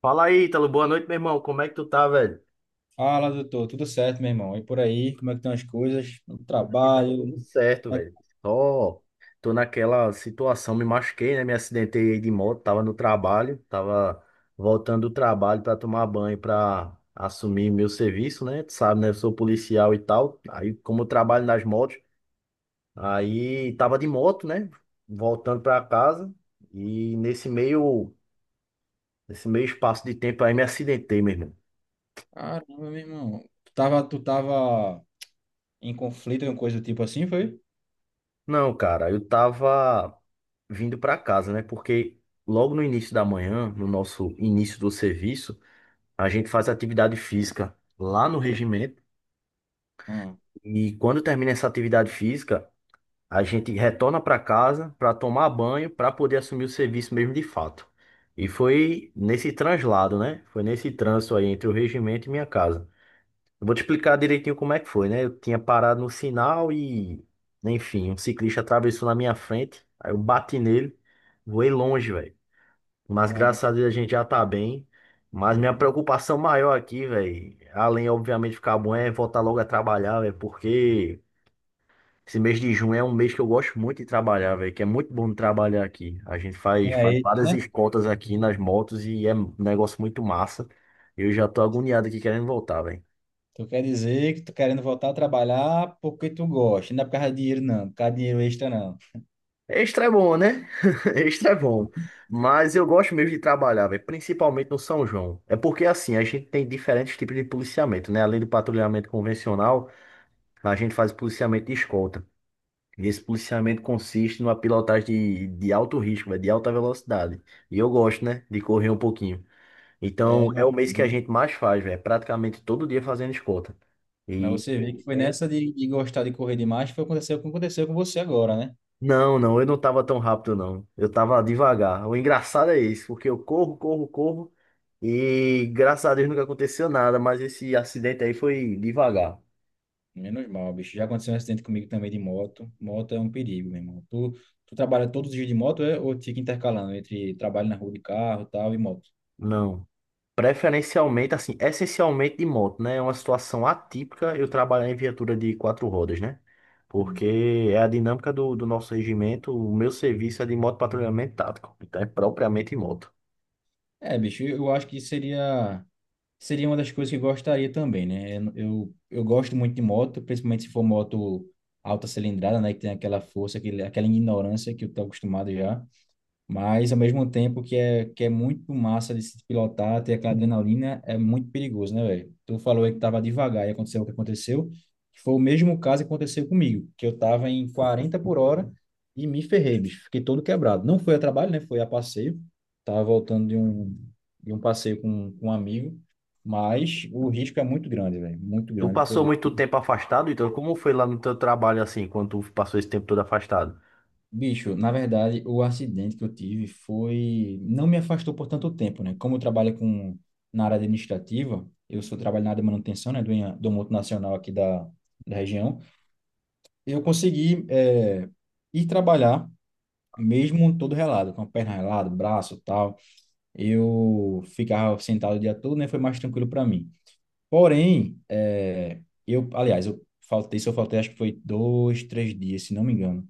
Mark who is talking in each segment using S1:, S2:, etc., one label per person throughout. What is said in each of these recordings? S1: Fala aí, Ítalo. Boa noite, meu irmão. Como é que tu tá, velho?
S2: Fala, doutor. Tudo certo, meu irmão? E por aí, como é que estão as coisas? No
S1: Por aqui tá
S2: trabalho?
S1: tudo certo,
S2: É que-
S1: velho. Só tô naquela situação, me machuquei, né? Me acidentei aí de moto, tava no trabalho, tava voltando do trabalho pra tomar banho, pra assumir meu serviço, né? Tu sabe, né? Eu sou policial e tal. Aí, como eu trabalho nas motos, aí tava de moto, né? Voltando pra casa e nesse meio espaço de tempo aí me acidentei, mesmo.
S2: Caramba, meu irmão. Tu tava em conflito, alguma coisa do tipo assim, foi?
S1: Não, cara, eu tava vindo pra casa, né? Porque logo no início da manhã, no nosso início do serviço, a gente faz atividade física lá no regimento.
S2: Hum,
S1: E quando termina essa atividade física, a gente retorna pra casa pra tomar banho, pra poder assumir o serviço mesmo de fato. E foi nesse translado, né? Foi nesse trânsito aí entre o regimento e minha casa. Eu Vou te explicar direitinho como é que foi, né? Eu tinha parado no sinal e, enfim, um ciclista atravessou na minha frente. Aí eu bati nele, voei longe, velho. Mas
S2: cara.
S1: graças a Deus a gente já tá bem. Mas minha preocupação maior aqui, velho, além obviamente de ficar bom, é voltar logo a trabalhar, velho, porque esse mês de junho é um mês que eu gosto muito de trabalhar, velho, que é muito bom de trabalhar aqui. A gente faz
S2: É isso,
S1: várias
S2: né?
S1: escoltas aqui nas motos e é um negócio muito massa. Eu já tô agoniado aqui querendo voltar, velho.
S2: Tu quer dizer que tu querendo voltar a trabalhar porque tu gosta, não é por causa de dinheiro, não. Por causa de dinheiro extra, não.
S1: Extra é bom, né? Extra é bom. Mas eu gosto mesmo de trabalhar, velho, principalmente no São João. É porque assim, a gente tem diferentes tipos de policiamento, né? Além do patrulhamento convencional, a gente faz policiamento de escolta. E esse policiamento consiste numa pilotagem de alto risco, véio, de alta velocidade. E eu gosto, né? De correr um pouquinho. Então,
S2: É,
S1: é
S2: meu
S1: o mês que a
S2: irmão.
S1: gente mais faz, velho. Praticamente todo dia fazendo escolta.
S2: Mas
S1: E,
S2: você vê que foi
S1: infelizmente,
S2: nessa de gostar de correr demais que foi aconteceu, o que aconteceu com você agora, né?
S1: não, não, eu não tava tão rápido, não. Eu tava devagar. O engraçado é isso, porque eu corro, corro, corro e graças a Deus nunca aconteceu nada, mas esse acidente aí foi devagar.
S2: Menos mal, bicho. Já aconteceu um acidente comigo também de moto. Moto é um perigo, meu irmão. Tu trabalha todos os dias de moto é, ou fica intercalando entre trabalho na rua de carro, tal, e moto?
S1: Não. Preferencialmente, assim, essencialmente de moto, né? É uma situação atípica eu trabalhar em viatura de quatro rodas, né?
S2: Hum.
S1: Porque é a dinâmica do nosso regimento, o meu serviço é de moto patrulhamento tático, então é propriamente moto.
S2: É, bicho, eu acho que seria uma das coisas que eu gostaria também, né? Eu gosto muito de moto, principalmente se for moto alta cilindrada, né? Que tem aquela força, aquela ignorância que eu tô acostumado já. Mas ao mesmo tempo que é muito massa de se pilotar, ter aquela adrenalina, é muito perigoso, né, velho? Tu falou aí que tava devagar e aconteceu o que aconteceu, que foi o mesmo caso que aconteceu comigo, que eu tava em 40 por hora e me ferrei, bicho. Fiquei todo quebrado. Não foi a trabalho, né? Foi a passeio. Tava voltando de um passeio com um amigo, mas o risco é muito grande, velho. Muito
S1: Tu
S2: grande. Foi
S1: passou muito tempo afastado, então como foi lá no teu trabalho assim, quando tu passou esse tempo todo afastado?
S2: Bicho, na verdade, o acidente que eu tive foi. Não me afastou por tanto tempo, né? Como eu trabalho com, na área administrativa, eu sou trabalho na área de manutenção, né? Do multinacional aqui da região. Eu consegui é ir trabalhar, mesmo todo relado, com a perna relada, braço e tal. Eu ficava sentado o dia todo, né? Foi mais tranquilo para mim. Porém, eu, aliás, eu faltei, se eu faltei, acho que foi dois, três dias, se não me engano.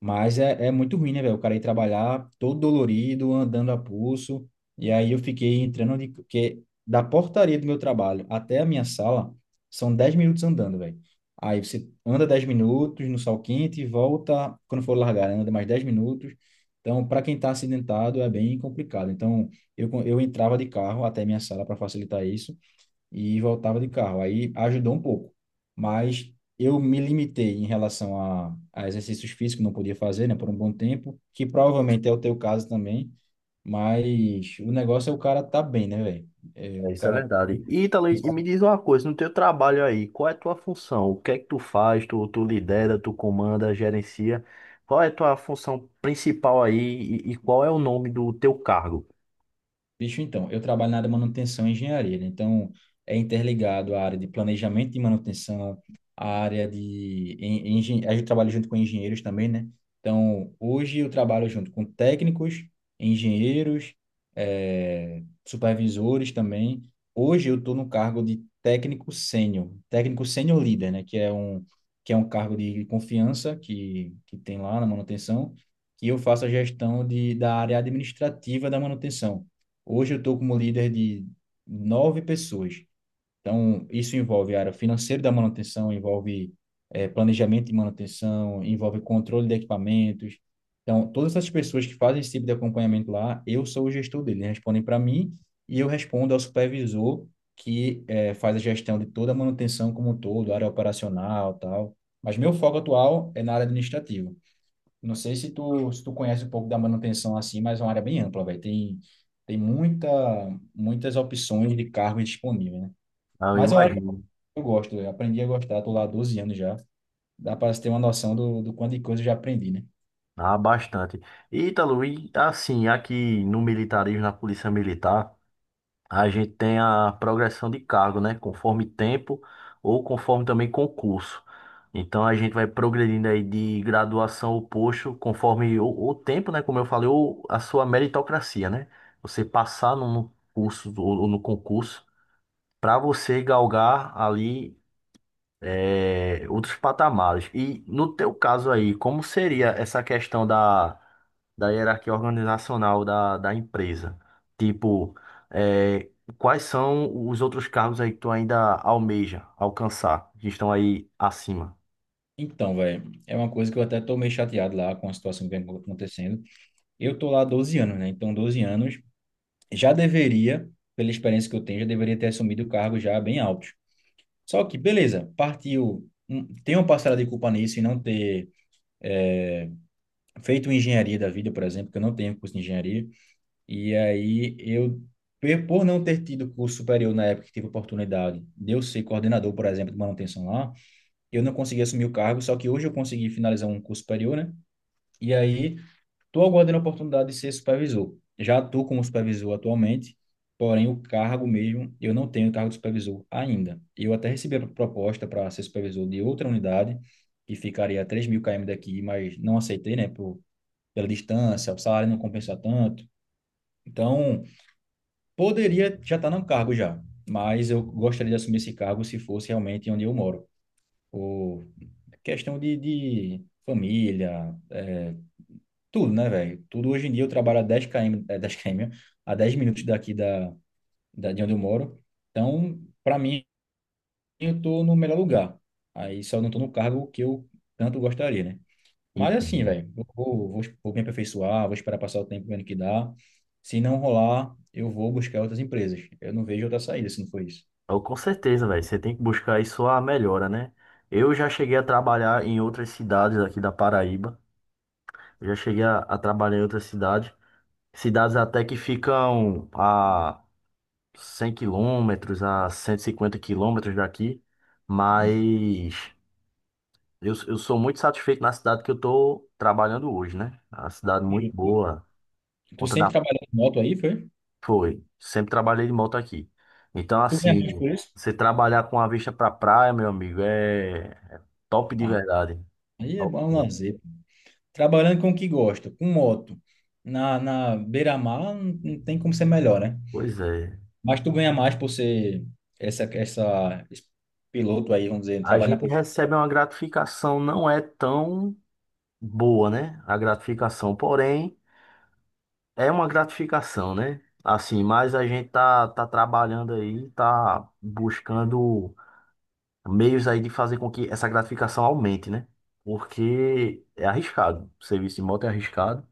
S2: Mas é muito ruim, né, velho? O cara ir trabalhar todo dolorido, andando a pulso. E aí eu fiquei entrando de. Porque da portaria do meu trabalho até a minha sala são 10 minutos andando, velho. Aí você anda 10 minutos no sol quente e volta quando for largar, né? Anda mais 10 minutos. Então, para quem tá acidentado, é bem complicado. Então, eu entrava de carro até a minha sala para facilitar isso e voltava de carro. Aí ajudou um pouco, mas eu me limitei em relação a exercícios físicos, não podia fazer, né, por um bom tempo, que provavelmente é o teu caso também, mas o negócio é o cara tá bem, né, velho? É, o
S1: É, isso é
S2: cara.
S1: verdade. E, Ítalo, e me diz uma coisa, no teu trabalho aí, qual é a tua função? O que é que tu faz? Tu lidera, tu comanda, gerencia? Qual é a tua função principal aí e qual é o nome do teu cargo?
S2: Bicho, então, eu trabalho na área de manutenção e engenharia, né? Então, é interligado a área de planejamento e manutenção, a área de... en- engen- a gente trabalha junto com engenheiros também, né? Então, hoje eu trabalho junto com técnicos, engenheiros, supervisores também. Hoje eu estou no cargo de técnico sênior líder, né? Que é um cargo de confiança que tem lá na manutenção, que eu faço a gestão da área administrativa da manutenção. Hoje eu estou como líder de nove pessoas. Então, isso envolve a área financeira da manutenção, envolve planejamento de manutenção, envolve controle de equipamentos. Então, todas essas pessoas que fazem esse tipo de acompanhamento lá, eu sou o gestor dele, eles respondem para mim e eu respondo ao supervisor que faz a gestão de toda a manutenção como um todo, área operacional, tal. Mas meu foco atual é na área administrativa. Não sei se tu, conhece um pouco da manutenção assim, mas é uma área bem ampla, velho. Tem muitas opções de cargo disponível, né?
S1: Ah, eu
S2: Mas é uma área que
S1: imagino.
S2: eu gosto, eu aprendi a gostar, tô lá há 12 anos já. Dá para ter uma noção do quanto de coisa eu já aprendi, né?
S1: Ah, bastante. E, Ítalo, e assim, aqui no militarismo, na Polícia Militar, a gente tem a progressão de cargo, né? Conforme tempo ou conforme também concurso. Então a gente vai progredindo aí de graduação ou posto conforme o tempo, né? Como eu falei, ou a sua meritocracia, né? Você passar no curso ou no concurso para você galgar ali, é, outros patamares. E no teu caso aí, como seria essa questão da hierarquia organizacional da empresa? Tipo, é, quais são os outros cargos aí que tu ainda almeja alcançar, que estão aí acima?
S2: Então, velho, é uma coisa que eu até tô meio chateado lá com a situação que vem acontecendo. Eu tô lá há 12 anos, né? Então, 12 anos já deveria, pela experiência que eu tenho, já deveria ter assumido o cargo já bem alto. Só que, beleza, partiu. Tem uma parcela de culpa nisso e não ter feito engenharia da vida, por exemplo, que eu não tenho curso de engenharia, e aí eu, por não ter tido curso superior na época que tive oportunidade de eu ser coordenador, por exemplo, de manutenção lá, eu não consegui assumir o cargo, só que hoje eu consegui finalizar um curso superior, né? E aí estou aguardando a oportunidade de ser supervisor. Já estou como supervisor atualmente, porém o cargo mesmo, eu não tenho cargo de supervisor ainda. Eu até recebi a proposta para ser supervisor de outra unidade, que ficaria a 3 mil km daqui, mas não aceitei, né, por pela distância, o salário não compensa tanto. Então, poderia já estar num cargo já, mas eu gostaria de assumir esse cargo se fosse realmente onde eu moro. Por questão de família, é, tudo, né, velho? Tudo hoje em dia eu trabalho a 10 km, 10 km, a 10 minutos daqui de onde eu moro. Então, para mim, eu estou no melhor lugar. Aí só não estou no cargo que eu tanto gostaria, né? Mas assim,
S1: Entendo.
S2: velho, eu vou me aperfeiçoar, vou esperar passar o tempo vendo que dá. Se não rolar, eu vou buscar outras empresas. Eu não vejo outra saída se não for isso.
S1: Eu, com certeza, velho. Você tem que buscar aí sua melhora, né? Eu já cheguei a trabalhar em outras cidades aqui da Paraíba. Eu já cheguei a trabalhar em outras cidades. Cidades até que ficam a 100 km a 150 km daqui,
S2: Hum.
S1: mas eu sou muito satisfeito na cidade que eu estou trabalhando hoje, né? A cidade muito
S2: Tu,
S1: boa,
S2: tu
S1: conta
S2: sempre
S1: da...
S2: trabalhou em moto aí, foi?
S1: Foi, sempre trabalhei de moto aqui. Então,
S2: Tu ganha mais
S1: assim,
S2: por isso?
S1: você trabalhar com a vista pra praia, meu amigo, é top de
S2: Ah,
S1: verdade.
S2: aí é
S1: Top.
S2: bom é um lazer. Trabalhando com o que gosta, com moto, na beira-mar, não, não tem como ser melhor, né?
S1: Pois é.
S2: Mas tu ganha mais por ser esse piloto aí, vamos dizer,
S1: A
S2: trabalha na
S1: gente
S2: polícia,
S1: recebe uma gratificação, não é tão boa, né? A gratificação, porém... É uma gratificação, né? Assim, mas a gente tá trabalhando aí, tá buscando meios aí de fazer com que essa gratificação aumente, né? Porque é arriscado. O serviço de moto é arriscado,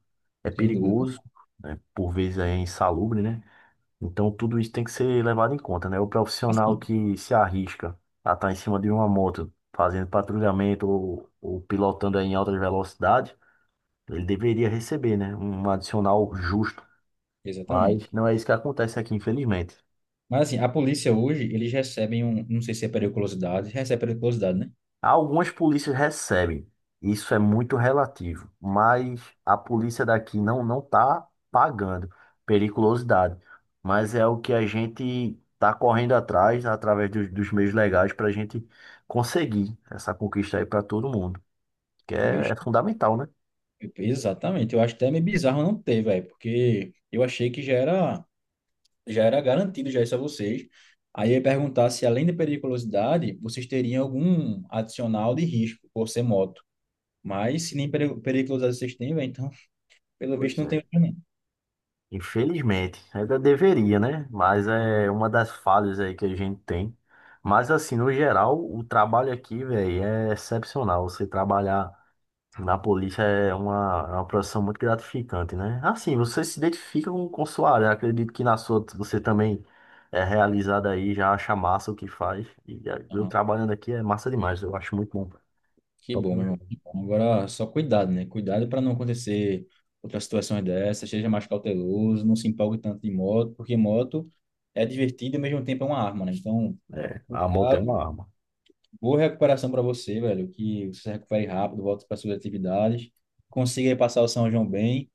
S1: é
S2: sem dúvida.
S1: perigoso, né? Por vezes é insalubre, né? Então tudo isso tem que ser levado em conta, né? O profissional
S2: Assim,
S1: que se arrisca a estar em cima de uma moto fazendo patrulhamento ou pilotando aí em alta velocidade, ele deveria receber, né? Um adicional justo,
S2: exatamente.
S1: mas não é isso que acontece aqui, infelizmente.
S2: Mas assim, a polícia hoje, eles recebem um, não sei se é periculosidade, recebe periculosidade, né?
S1: Algumas polícias recebem, isso é muito relativo, mas a polícia daqui não tá pagando periculosidade, mas é o que a gente tá correndo atrás através dos meios legais para a gente conseguir essa conquista aí para todo mundo, que é,
S2: Bicho,
S1: é fundamental, né?
S2: exatamente. Eu acho até meio bizarro não ter, velho, porque eu achei que já era garantido já isso a vocês. Aí eu ia perguntar se além de periculosidade, vocês teriam algum adicional de risco por ser moto. Mas se nem periculosidade vocês têm, velho, então, pelo visto
S1: Pois
S2: não tem
S1: é.
S2: outro,
S1: Infelizmente, ainda deveria, né? Mas é uma das falhas aí que a gente tem. Mas assim, no geral, o trabalho aqui, velho, é excepcional. Você trabalhar na polícia é uma profissão muito gratificante, né? Assim, você se identifica com sua área. Acredito que na sua você também é realizado aí, já acha massa o que faz. E é, eu
S2: não.
S1: trabalhando aqui é massa demais. Eu acho muito bom.
S2: Que
S1: Top
S2: bom, meu irmão.
S1: mesmo.
S2: Que bom. Agora, só cuidado, né? Cuidado para não acontecer outras situações dessas, seja mais cauteloso, não se empolgue tanto de moto, porque moto é divertida e ao mesmo tempo é uma arma, né? Então,
S1: É, a moto é uma
S2: cuidado,
S1: arma.
S2: boa recuperação para você, velho, que você se recupere rápido, volte para suas atividades, consiga aí passar o São João bem,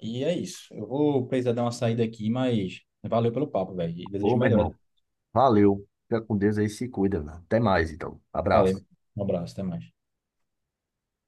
S2: e é isso. Eu vou precisar dar uma saída aqui, mas valeu pelo papo, velho, e
S1: Ô,
S2: desejo
S1: meu
S2: melhor.
S1: irmão, valeu. Fica com Deus aí, se cuida, né? Até mais, então. Abraço.
S2: Valeu, um abraço, até mais.